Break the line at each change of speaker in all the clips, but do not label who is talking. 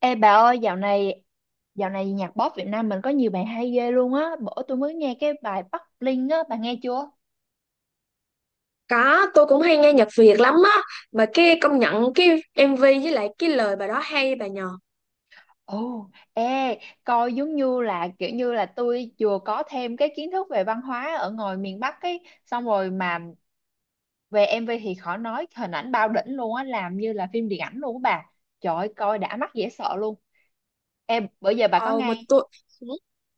Ê bà ơi, dạo này nhạc pop Việt Nam mình có nhiều bài hay ghê luôn á. Bữa tôi mới nghe cái bài Bắc Linh á, bà nghe chưa?
Có, tôi cũng hay nghe nhạc Việt lắm á. Mà cái công nhận cái MV với lại cái lời bài đó hay bà nhờ.
Ồ, ê, coi giống như là kiểu như là tôi vừa có thêm cái kiến thức về văn hóa ở ngoài miền Bắc ấy, xong rồi mà về MV thì khỏi nói, hình ảnh bao đỉnh luôn á, làm như là phim điện ảnh luôn á bà. Trời ơi, coi đã mắt dễ sợ luôn. Em bữa giờ bà có
Ồ mà
nghe
tôi. Ừ.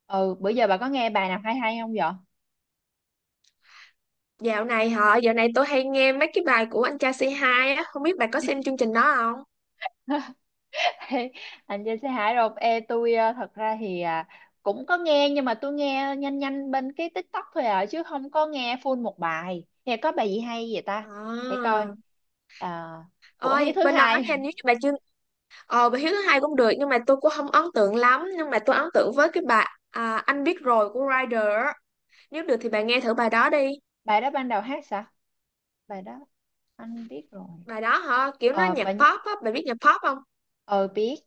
ừ, bữa giờ bà có nghe bài nào hay hay không vậy?
Dạo này hả, dạo này tôi hay nghe mấy cái bài của anh cha C2 á. Không biết bà có xem chương trình đó không?
Ê, anh trên xe Hải rồi. Ê, tôi thật ra thì cũng có nghe nhưng mà tôi nghe nhanh nhanh bên cái TikTok thôi à, chứ không có nghe full một bài. Thì có bài gì hay vậy ta, để
À.
coi. à, của Hiếu
Ôi,
thứ
bên đó
hai.
nha, nếu như bà chưa. Ờ, bà Hiếu thứ hai cũng được. Nhưng mà tôi cũng không ấn tượng lắm. Nhưng mà tôi ấn tượng với cái bài Anh biết rồi của Rider á. Nếu được thì bà nghe thử bài đó đi.
Bài đó ban đầu hát sao, bài đó anh biết rồi.
Bài đó hả, kiểu nó
ờ
nhạc
bài nh-
pop á, bà biết nhạc pop không?
ờ biết,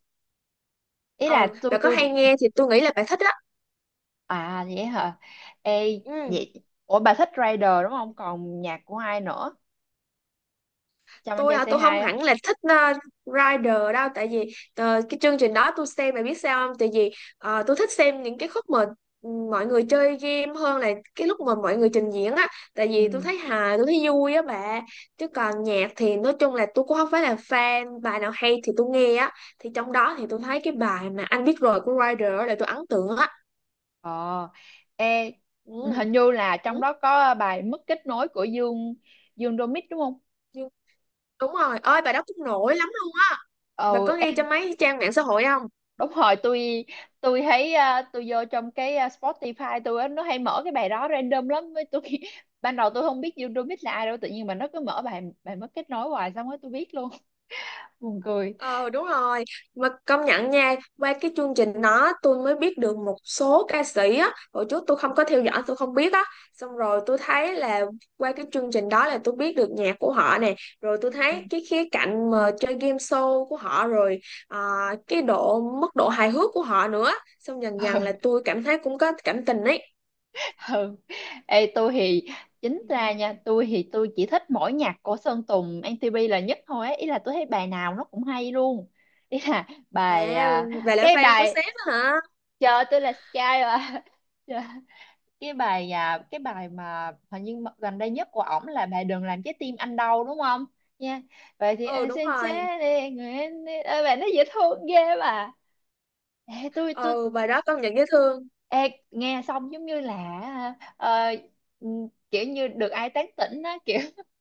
ý là
Ừ,
tôi
bà có
tôi
hay nghe thì tôi nghĩ là bà thích á.
Vậy hả. Ê,
Ừ.
vậy ủa bà thích Rider đúng không, còn nhạc của ai nữa, chăm anh
Tôi
trai
hả,
say
tôi không
hai á.
hẳn là thích Rider đâu, tại vì cái chương trình đó tôi xem mày biết sao không, tại vì tôi thích xem những cái khúc mà mọi người chơi game hơn là cái lúc mà mọi người
Ừm.
trình diễn á. Tại vì tôi
Ừ.
thấy hài, tôi thấy vui á bà, chứ còn nhạc thì nói chung là tôi cũng không phải là fan, bài nào hay thì tôi nghe á. Thì trong đó thì tôi thấy cái bài mà Anh biết rồi của Rider á là tôi ấn tượng á.
Ờ, ê,
ừ,
hình như là trong
ừ,
đó có bài mất kết nối của Dương Dương Domic đúng không?
nhưng- đúng rồi ơi, bài đó cũng nổi lắm luôn. Bà
Ừ,
có nghe
em
trên mấy trang mạng xã hội không?
đúng rồi, tôi. Tôi thấy tôi vô trong cái Spotify tôi á, nó hay mở cái bài đó random lắm với tôi. Ban đầu tôi không biết Dương Domic là ai đâu, tự nhiên mà nó cứ mở bài bài mất kết nối hoài, xong rồi tôi biết luôn. Buồn cười.
Ờ đúng rồi, mà công nhận nha, qua cái chương trình đó tôi mới biết được một số ca sĩ á, hồi trước tôi không có theo dõi, tôi không biết á. Xong rồi tôi thấy là qua cái chương trình đó là tôi biết được nhạc của họ nè, rồi tôi thấy cái khía cạnh mà chơi game show của họ rồi à, cái độ mức độ hài hước của họ nữa. Xong dần dần là tôi cảm thấy cũng có cảm tình ấy.
Ừ. Ê, tôi thì chính
Ừ.
ra nha, tôi thì tôi chỉ thích mỗi nhạc của Sơn Tùng MTP là nhất thôi ấy. Ý là tôi thấy bài nào nó cũng hay luôn, ý là
À, vậy là
cái
fan của
bài
sếp á hả.
chờ tôi là Sky mà. Chờ- cái bài mà hình như gần đây nhất của ổng là bài đừng làm trái tim anh đau đúng không, nha, vậy thì
Ừ,
anh
đúng
xin
rồi.
chết đi người anh đi. Ôi, bài nó dễ thương ghê mà. Ê, tôi
Ừ, bài đó công nhận dễ thương.
Ê, nghe xong giống như là, ờ, ừ, kiểu như được ai tán tỉnh á kiểu,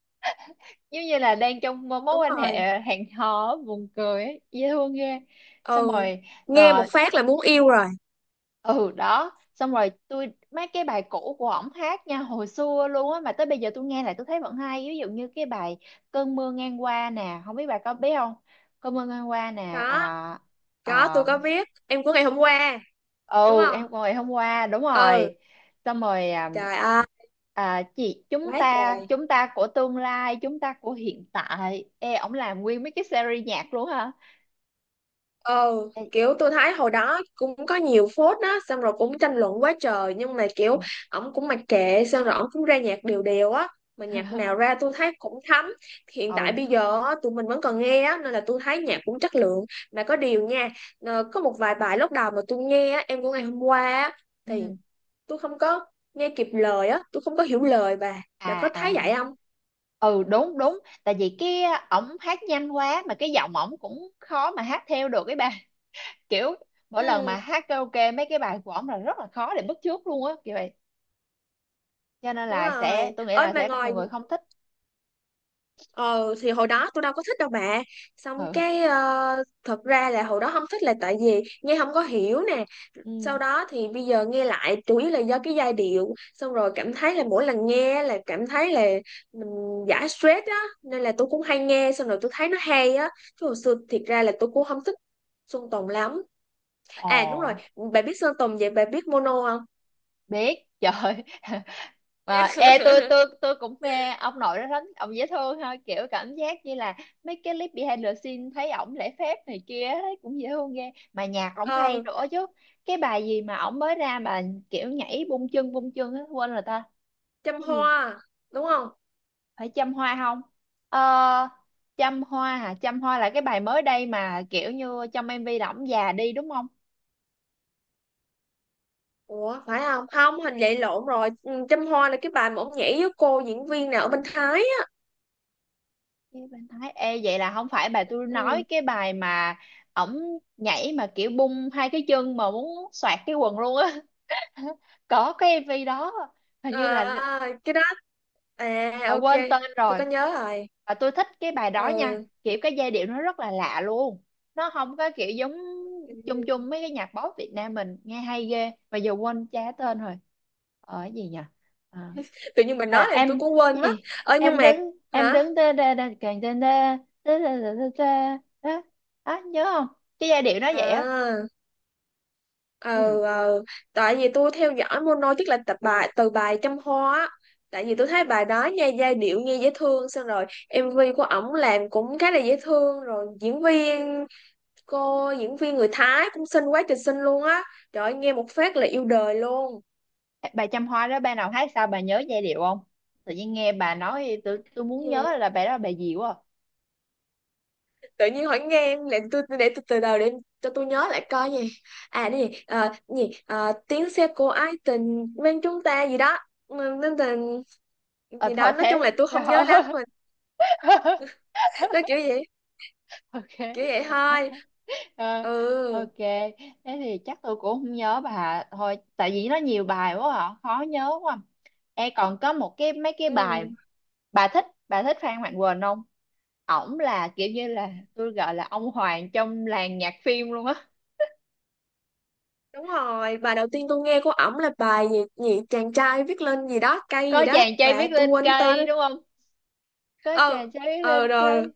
giống như là đang trong mối
Đúng
quan
rồi.
hệ hẹn hò á, buồn cười ấy, dễ thương ghê. Xong
Ừ.
rồi
Nghe một
ờ,
phát là muốn yêu rồi.
ừ đó, xong rồi tôi mấy cái bài cũ của ổng hát nha, hồi xưa luôn á mà tới bây giờ tôi nghe lại tôi thấy vẫn hay, ví dụ như cái bài cơn mưa ngang qua nè, không biết bà có biết không. Cơn mưa ngang qua nè.
có có,
À,
tôi có viết em của ngày hôm qua đúng
ừ,
không.
em ngồi hôm qua đúng
Ừ.
rồi. Xong rồi
Trời ơi.
chị chúng
Quá
ta
trời.
chúng ta của tương lai, chúng ta của hiện tại. Ê, ổng làm nguyên mấy cái series nhạc luôn hả.
Ừ,
Ê,
kiểu tôi thấy hồi đó cũng có nhiều phốt đó, xong rồi cũng tranh luận quá trời, nhưng mà kiểu
ừ.
ổng cũng mặc kệ, xong rồi ổng cũng ra nhạc đều đều á. Mà nhạc nào ra tôi thấy cũng thấm. Hiện tại
Ừ.
bây giờ á, tụi mình vẫn còn nghe á, nên là tôi thấy nhạc cũng chất lượng. Mà có điều nha, có một vài bài lúc đầu mà tôi nghe á, em của ngày hôm qua á, thì
ừ,
tôi không có nghe kịp lời á, tôi không có hiểu lời, bà đã
à
có thấy
à
vậy không.
ừ, đúng đúng. Tại vì cái ổng hát nhanh quá, mà cái giọng ổng cũng khó mà hát theo được cái bà. Kiểu mỗi lần mà
Ừ,
hát karaoke mấy cái bài của ổng là rất là khó để bắt chước luôn á kiểu vậy, cho nên
đúng
là sẽ,
rồi
tôi nghĩ
ơi
là
mà
sẽ có
ngồi.
nhiều người không thích.
Ờ thì hồi đó tôi đâu có thích đâu bà, xong
Ừ.
cái thật ra là hồi đó không thích là tại vì nghe không có hiểu nè.
Ừ.
Sau đó thì bây giờ nghe lại chủ yếu là do cái giai điệu, xong rồi cảm thấy là mỗi lần nghe là cảm thấy là mình giải stress á, nên là tôi cũng hay nghe, xong rồi tôi thấy nó hay á, chứ hồi xưa thiệt ra là tôi cũng không thích Sơn Tùng lắm.
Ồ.
À đúng rồi, bà biết Sơn Tùng vậy bà biết Mono không?
Biết trời. Mà ê, tôi tôi tôi cũng mê ông nội đó lắm, ông dễ thương ha, kiểu cảm giác như là mấy cái clip behind the scene thấy ổng lễ phép này kia, thấy cũng dễ thương ghê, mà nhạc ổng hay
Ờ
nữa chứ. Cái bài gì mà ổng mới ra mà kiểu nhảy bung chân á, quên rồi ta.
chăm
Cái gì,
hoa đúng không?
phải chăm hoa không. Ờ, chăm hoa hả, chăm hoa là cái bài mới đây mà kiểu như trong MV là ổng già đi đúng không.
Ủa phải không, không hình vậy lộn rồi. Ừ, chăm hoa là cái bài mà ông nhảy với cô diễn viên nào ở bên Thái á.
Cái bên Thái. Ê, vậy là không phải bà, tôi nói
Ừ.
cái bài mà ổng nhảy mà kiểu bung hai cái chân mà muốn xoạc cái quần luôn á. Có cái MV đó hình như là,
Cái đó. À,
mà
ok,
quên tên
tôi
rồi.
có nhớ rồi.
Và tôi thích cái bài đó nha,
Ừ.
kiểu cái giai điệu nó rất là lạ luôn, nó không có kiểu giống chung
Ừ.
chung mấy cái nhạc pop Việt Nam mình, nghe hay ghê mà giờ quên cha tên rồi. Ở gì nhỉ, à,
Tự nhiên mình nói là tôi
em
cũng
cái
quên mất.
gì,
Ờ nhưng
em
mà
đứng em
hả.
đứng da da da càng da da, da da da da da đó. Đó, nhớ không, cái giai điệu nó vậy á.
à
Nhìn,
ờ ờ, Tại vì tôi theo dõi mono tức là tập bài từ bài Trăm Hoa á. Tại vì tôi thấy bài đó nha, giai điệu nghe dễ thương, xong rồi em MV của ổng làm cũng khá là dễ thương, rồi diễn viên, cô diễn viên người Thái cũng xinh quá trời xinh luôn á. Trời ơi, nghe một phát là yêu đời luôn.
bà Trăm Hoa đó, bà nào hát sao, bà nhớ giai điệu không. Tự nhiên nghe bà nói, tôi muốn
Gì?
nhớ là bà đó là bà gì quá à.
Tự nhiên hỏi, nghe em để tôi từ đầu cho tôi nhớ lại coi gì. Cái gì. Ờ, cái gì. Ờ, tiếng xe của ái tình bên chúng ta gì đó. Ừ, nên tình
Ờ
gì đó,
Thôi
nói chung
thế
là tôi
rồi.
không nhớ lắm. Nó kiểu vậy, kiểu
OK.
vậy thôi.
Ờ,
Ừ.
OK, thế thì chắc tôi cũng không nhớ bà thôi, tại vì nó nhiều bài quá à, khó nhớ quá. E còn có một cái mấy cái bài,
Ừ,
bà thích Phan Mạnh Quỳnh không. Ổng là kiểu như là tôi gọi là ông hoàng trong làng nhạc phim luôn á.
đúng rồi. Bài đầu tiên tôi nghe của ổng là bài gì, gì chàng trai viết lên gì đó cây gì
Có
đó
chàng trai
bà,
viết
tôi
lên
quên cái tên đó.
cây đúng không. Có
Ờ ừ.
chàng trai viết
Ờ ừ,
lên
rồi
cây.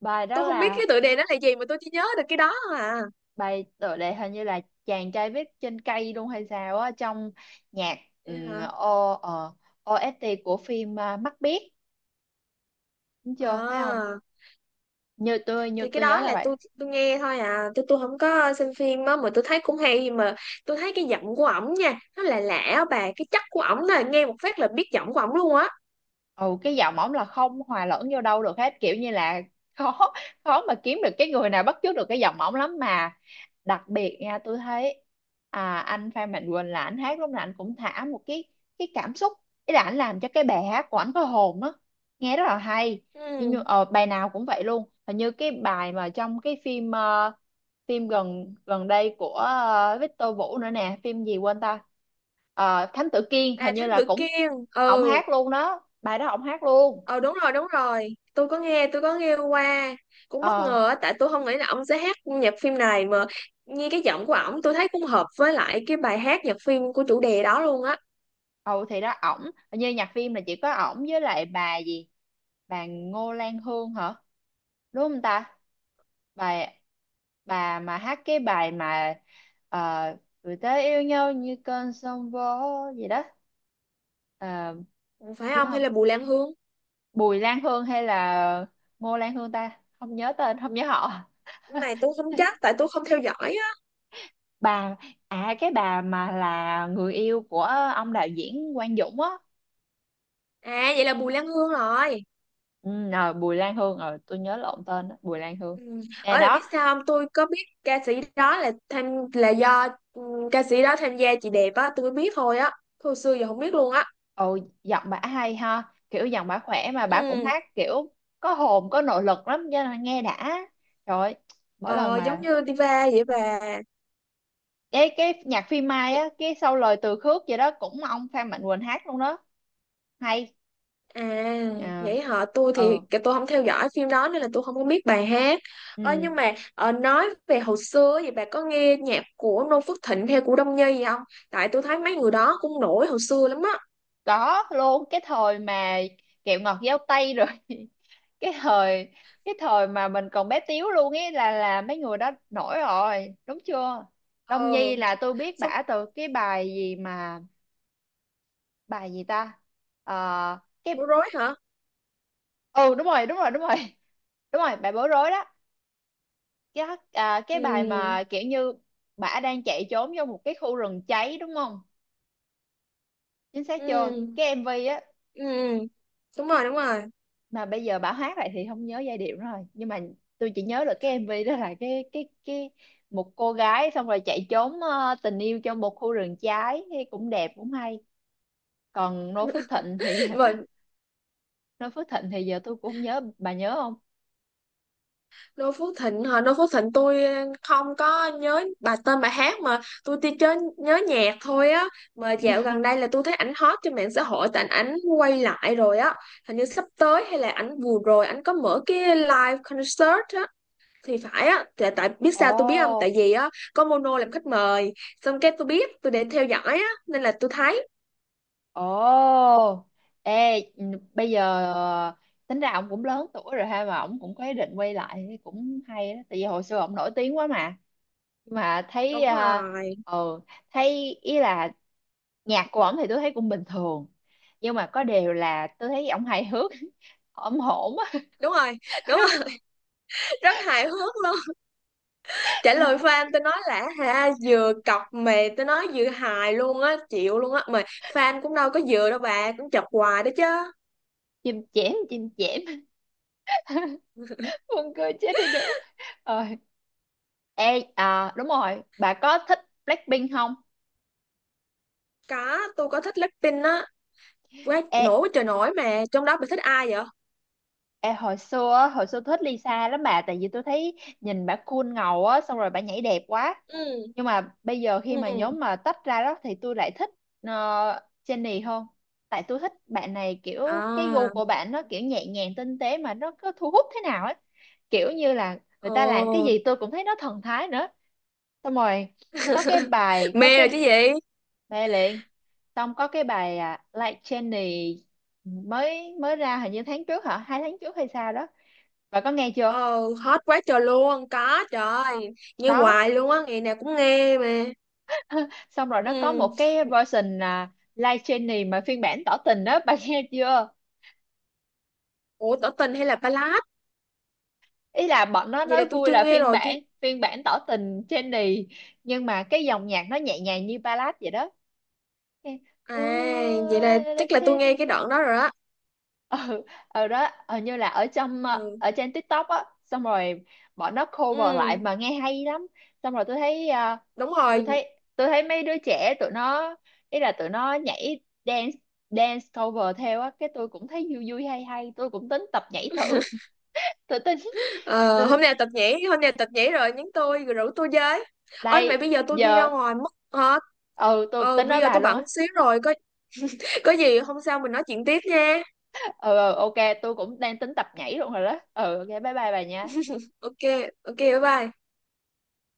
Bài đó
tôi không biết cái
là
tựa đề nó là gì, mà tôi chỉ nhớ được cái đó thôi à.
bài tựa đề, hình như là chàng trai viết trên cây luôn hay sao á, trong nhạc
Vậy
um,
hả.
o, ờ, OST của phim Mắt biếc đúng chưa, phải không,
À,
như tôi như
thì cái
tôi nhớ
đó
là
là
vậy.
tôi nghe thôi à, tôi không có xem phim á mà tôi thấy cũng hay mà. Tôi thấy cái giọng của ổng nha, nó là lạ á bà, cái chất của ổng là nghe một phát là biết giọng của ổng luôn á.
Ừ, cái giọng ổng là không hòa lẫn vô đâu được hết, kiểu như là khó, khó mà kiếm được cái người nào bắt chước được cái giọng ổng lắm mà. Đặc biệt nha, tôi thấy anh Phan Mạnh Quỳnh là anh hát lúc nào anh cũng thả một cái cảm xúc, ý là anh làm cho cái bài hát của anh có hồn á, nghe rất là hay.
Ừ.
Bài nào cũng vậy luôn, hình như cái bài mà trong cái phim phim gần gần đây của Victor Vũ nữa nè, phim gì quên ta. Ờ, Thám Tử Kiên
À
hình như
Thám
là
Tử
cũng
Kiên.
ổng
Ừ.
hát luôn đó, bài đó ổng hát luôn.
Ờ đúng rồi, đúng rồi, tôi có nghe, tôi có nghe qua. Cũng bất
Ờ.
ngờ á tại tôi không nghĩ là ông sẽ hát nhạc phim này mà. Nghe cái giọng của ổng tôi thấy cũng hợp với lại cái bài hát nhạc phim của chủ đề đó luôn á.
Ừ thì đó, ổng, như nhạc phim là chỉ có ổng với lại bà gì, bà Ngô Lan Hương hả, đúng không ta, bà bà mà hát cái bài mà người ta yêu nhau như cơn sóng vỗ gì đó. Ờ,
Ủa, phải
nhớ
không hay
không.
là Bùi Lan Hương.
Bùi Lan Hương hay là Ngô Lan Hương ta, không nhớ tên không nhớ họ.
Cái này tôi không chắc tại tôi không theo dõi á.
Bà, à cái bà mà là người yêu của ông đạo diễn Quang Dũng á.
À vậy là Bùi Lan Hương rồi.
Ừ, à, Bùi Lan Hương, ờ tôi nhớ lộn tên đó, Bùi Lan Hương
Ừ.
nè
Ở bạn
đó.
biết sao không, tôi có biết ca sĩ đó là tham, là do ừ, ca sĩ đó tham gia chị đẹp á tôi mới biết thôi á. Hồi xưa giờ không biết luôn á.
Ồ, giọng bả hay ha, kiểu giọng bả khỏe mà bả cũng
Ừ.
hát kiểu có hồn, có nội lực lắm, cho nên nghe đã. Trời ơi, mỗi lần
Ờ, giống
mà
như Diva vậy
cái nhạc phim Mai
bà.
á, cái sau lời Từ Khước gì đó cũng ông Phan Mạnh Quỳnh hát luôn đó. Hay.
À,
Ờ.
vậy hả? Tôi thì
Ừ,
cái tôi không theo dõi phim đó nên là tôi không có biết bài hát. Ơ
ừ.
nhưng mà nói về hồi xưa thì bà có nghe nhạc của Noo Phước Thịnh hay của Đông Nhi gì không? Tại tôi thấy mấy người đó cũng nổi hồi xưa lắm á.
Có luôn, cái thời mà kẹo ngọt giao tây rồi. Cái thời, cái thời mà mình còn bé tíu luôn ấy là mấy người đó nổi rồi đúng chưa. Đông
Ờ,
Nhi là tôi biết
xong
bả từ cái bài gì mà, bài gì ta. Ờ,
bối
cái,
rối hả?
ừ đúng rồi đúng rồi đúng rồi. Đúng rồi, bài bối rối đó. Cái cái bài
Ừ,
mà kiểu như bả đang chạy trốn vô một cái khu rừng cháy đúng không, chính xác
ừ,
chưa, cái MV á.
ừ, đúng rồi, đúng rồi.
Mà bây giờ bảo hát lại thì không nhớ giai điệu nữa rồi, nhưng mà tôi chỉ nhớ được cái MV đó là cái một cô gái xong rồi chạy trốn tình yêu trong một khu rừng trái thì cũng đẹp cũng hay. Còn Noo Phước Thịnh thì
Vậy
Noo Phước Thịnh thì giờ tôi cũng không nhớ, bà nhớ không.
Đô Phước Thịnh hả? Đô Phước Thịnh tôi không có nhớ bà tên bài hát, mà tôi chỉ chớ nhớ nhạc thôi á. Mà dạo gần đây là tôi thấy ảnh hot trên mạng xã hội tại ảnh quay lại rồi á. Hình như sắp tới hay là ảnh vừa rồi ảnh có mở cái live concert á thì phải á tại biết
Ồ.
sao tôi biết không, tại vì á có Mono làm khách mời, xong cái tôi biết, tôi để theo dõi á nên là tôi thấy.
Ồ. Ê, bây giờ tính ra ông cũng lớn tuổi rồi ha, mà ông cũng có ý định quay lại thì cũng hay đó, tại vì hồi xưa ông nổi tiếng quá mà. Nhưng mà thấy
Đúng
ờ,
rồi,
ừ, thấy ý là nhạc của ổng thì tôi thấy cũng bình thường, nhưng mà có điều là tôi thấy ổng hài hước, ổng hổn á.
đúng rồi, đúng rồi. Rất hài hước luôn. Trả lời fan tôi nói là ha, vừa cọc mà tôi nói vừa hài luôn á, chịu luôn á mà. Fan cũng đâu có vừa đâu bà, cũng chọc hoài đó chứ.
Chim chém, chim chém. Buồn cười chết đi được. Ờ. Ê, đúng rồi, bà có thích Blackpink không.
Có, tôi có thích Blackpink á. Quá
Ê.
nổi, quá trời nổi, mà trong đó bà thích ai vậy?
Ê, hồi xưa á, hồi xưa thích Lisa lắm bà, tại vì tôi thấy nhìn bà cool ngầu á, xong rồi bà nhảy đẹp quá.
Ừ.
Nhưng mà bây giờ khi
Ừ.
mà nhóm mà tách ra đó, thì tôi lại thích ờ, Jennie hơn. Tại tôi thích bạn này kiểu cái gu
À.
của bạn nó kiểu nhẹ nhàng tinh tế mà nó cứ thu hút thế nào ấy, kiểu như là người ta làm cái
Ồ.
gì tôi cũng thấy nó thần thái nữa. Xong rồi có cái bài có
Mê rồi
cái,
chứ gì.
mê liền. Xong có cái bài Like Jennie mới mới ra, hình như tháng trước hả, hai tháng trước hay sao đó. Bà có nghe chưa?
Ờ, hết quá trời luôn có. Trời ơi, nghe
Đó,
hoài luôn á, ngày nào cũng nghe mà.
xong rồi nó có một
Ừ.
cái version là live training mà phiên bản tỏ tình đó, bà, nghe chưa?
Ủa, tỏ tình hay là ballad?
Ý là bọn nó
Vậy là
nói
tôi
vui là
chưa nghe
phiên
rồi tôi.
bản phiên bản tỏ tình training, nhưng mà cái dòng nhạc nó nhẹ nhàng như ballad vậy đó. Nghe,
À, vậy
"Ooh,
là
la la
chắc là tôi nghe
cherry."
cái đoạn đó rồi á.
Ừ, ở đó hình như là ở trong
Ừ.
ở trên TikTok á, xong rồi bọn nó
Ừ,
cover lại mà nghe hay lắm. Xong rồi tôi thấy
đúng
tôi
rồi.
thấy tôi thấy mấy đứa trẻ tụi nó, ý là tụi nó nhảy, dance dance cover theo á, cái tôi cũng thấy vui vui hay hay, tôi cũng tính tập nhảy thử. Tôi tính,
Ờ,
tôi
hôm nào tập nhảy, hôm nào tập nhảy rồi nhắn tôi rồi rủ tôi với. Ôi mày,
đây
bây giờ tôi đi ra
giờ.
ngoài mất hả?
Ừ, tôi
Ờ
tính
bây
nói
giờ
bà
tôi
luôn
bận
á.
xíu rồi, có gì hôm sau mình nói chuyện tiếp nha.
Ừ, ừ OK, tôi cũng đang tính tập nhảy luôn rồi đó. Ừ OK, bye bye bà nha.
Ok, ok bye bye.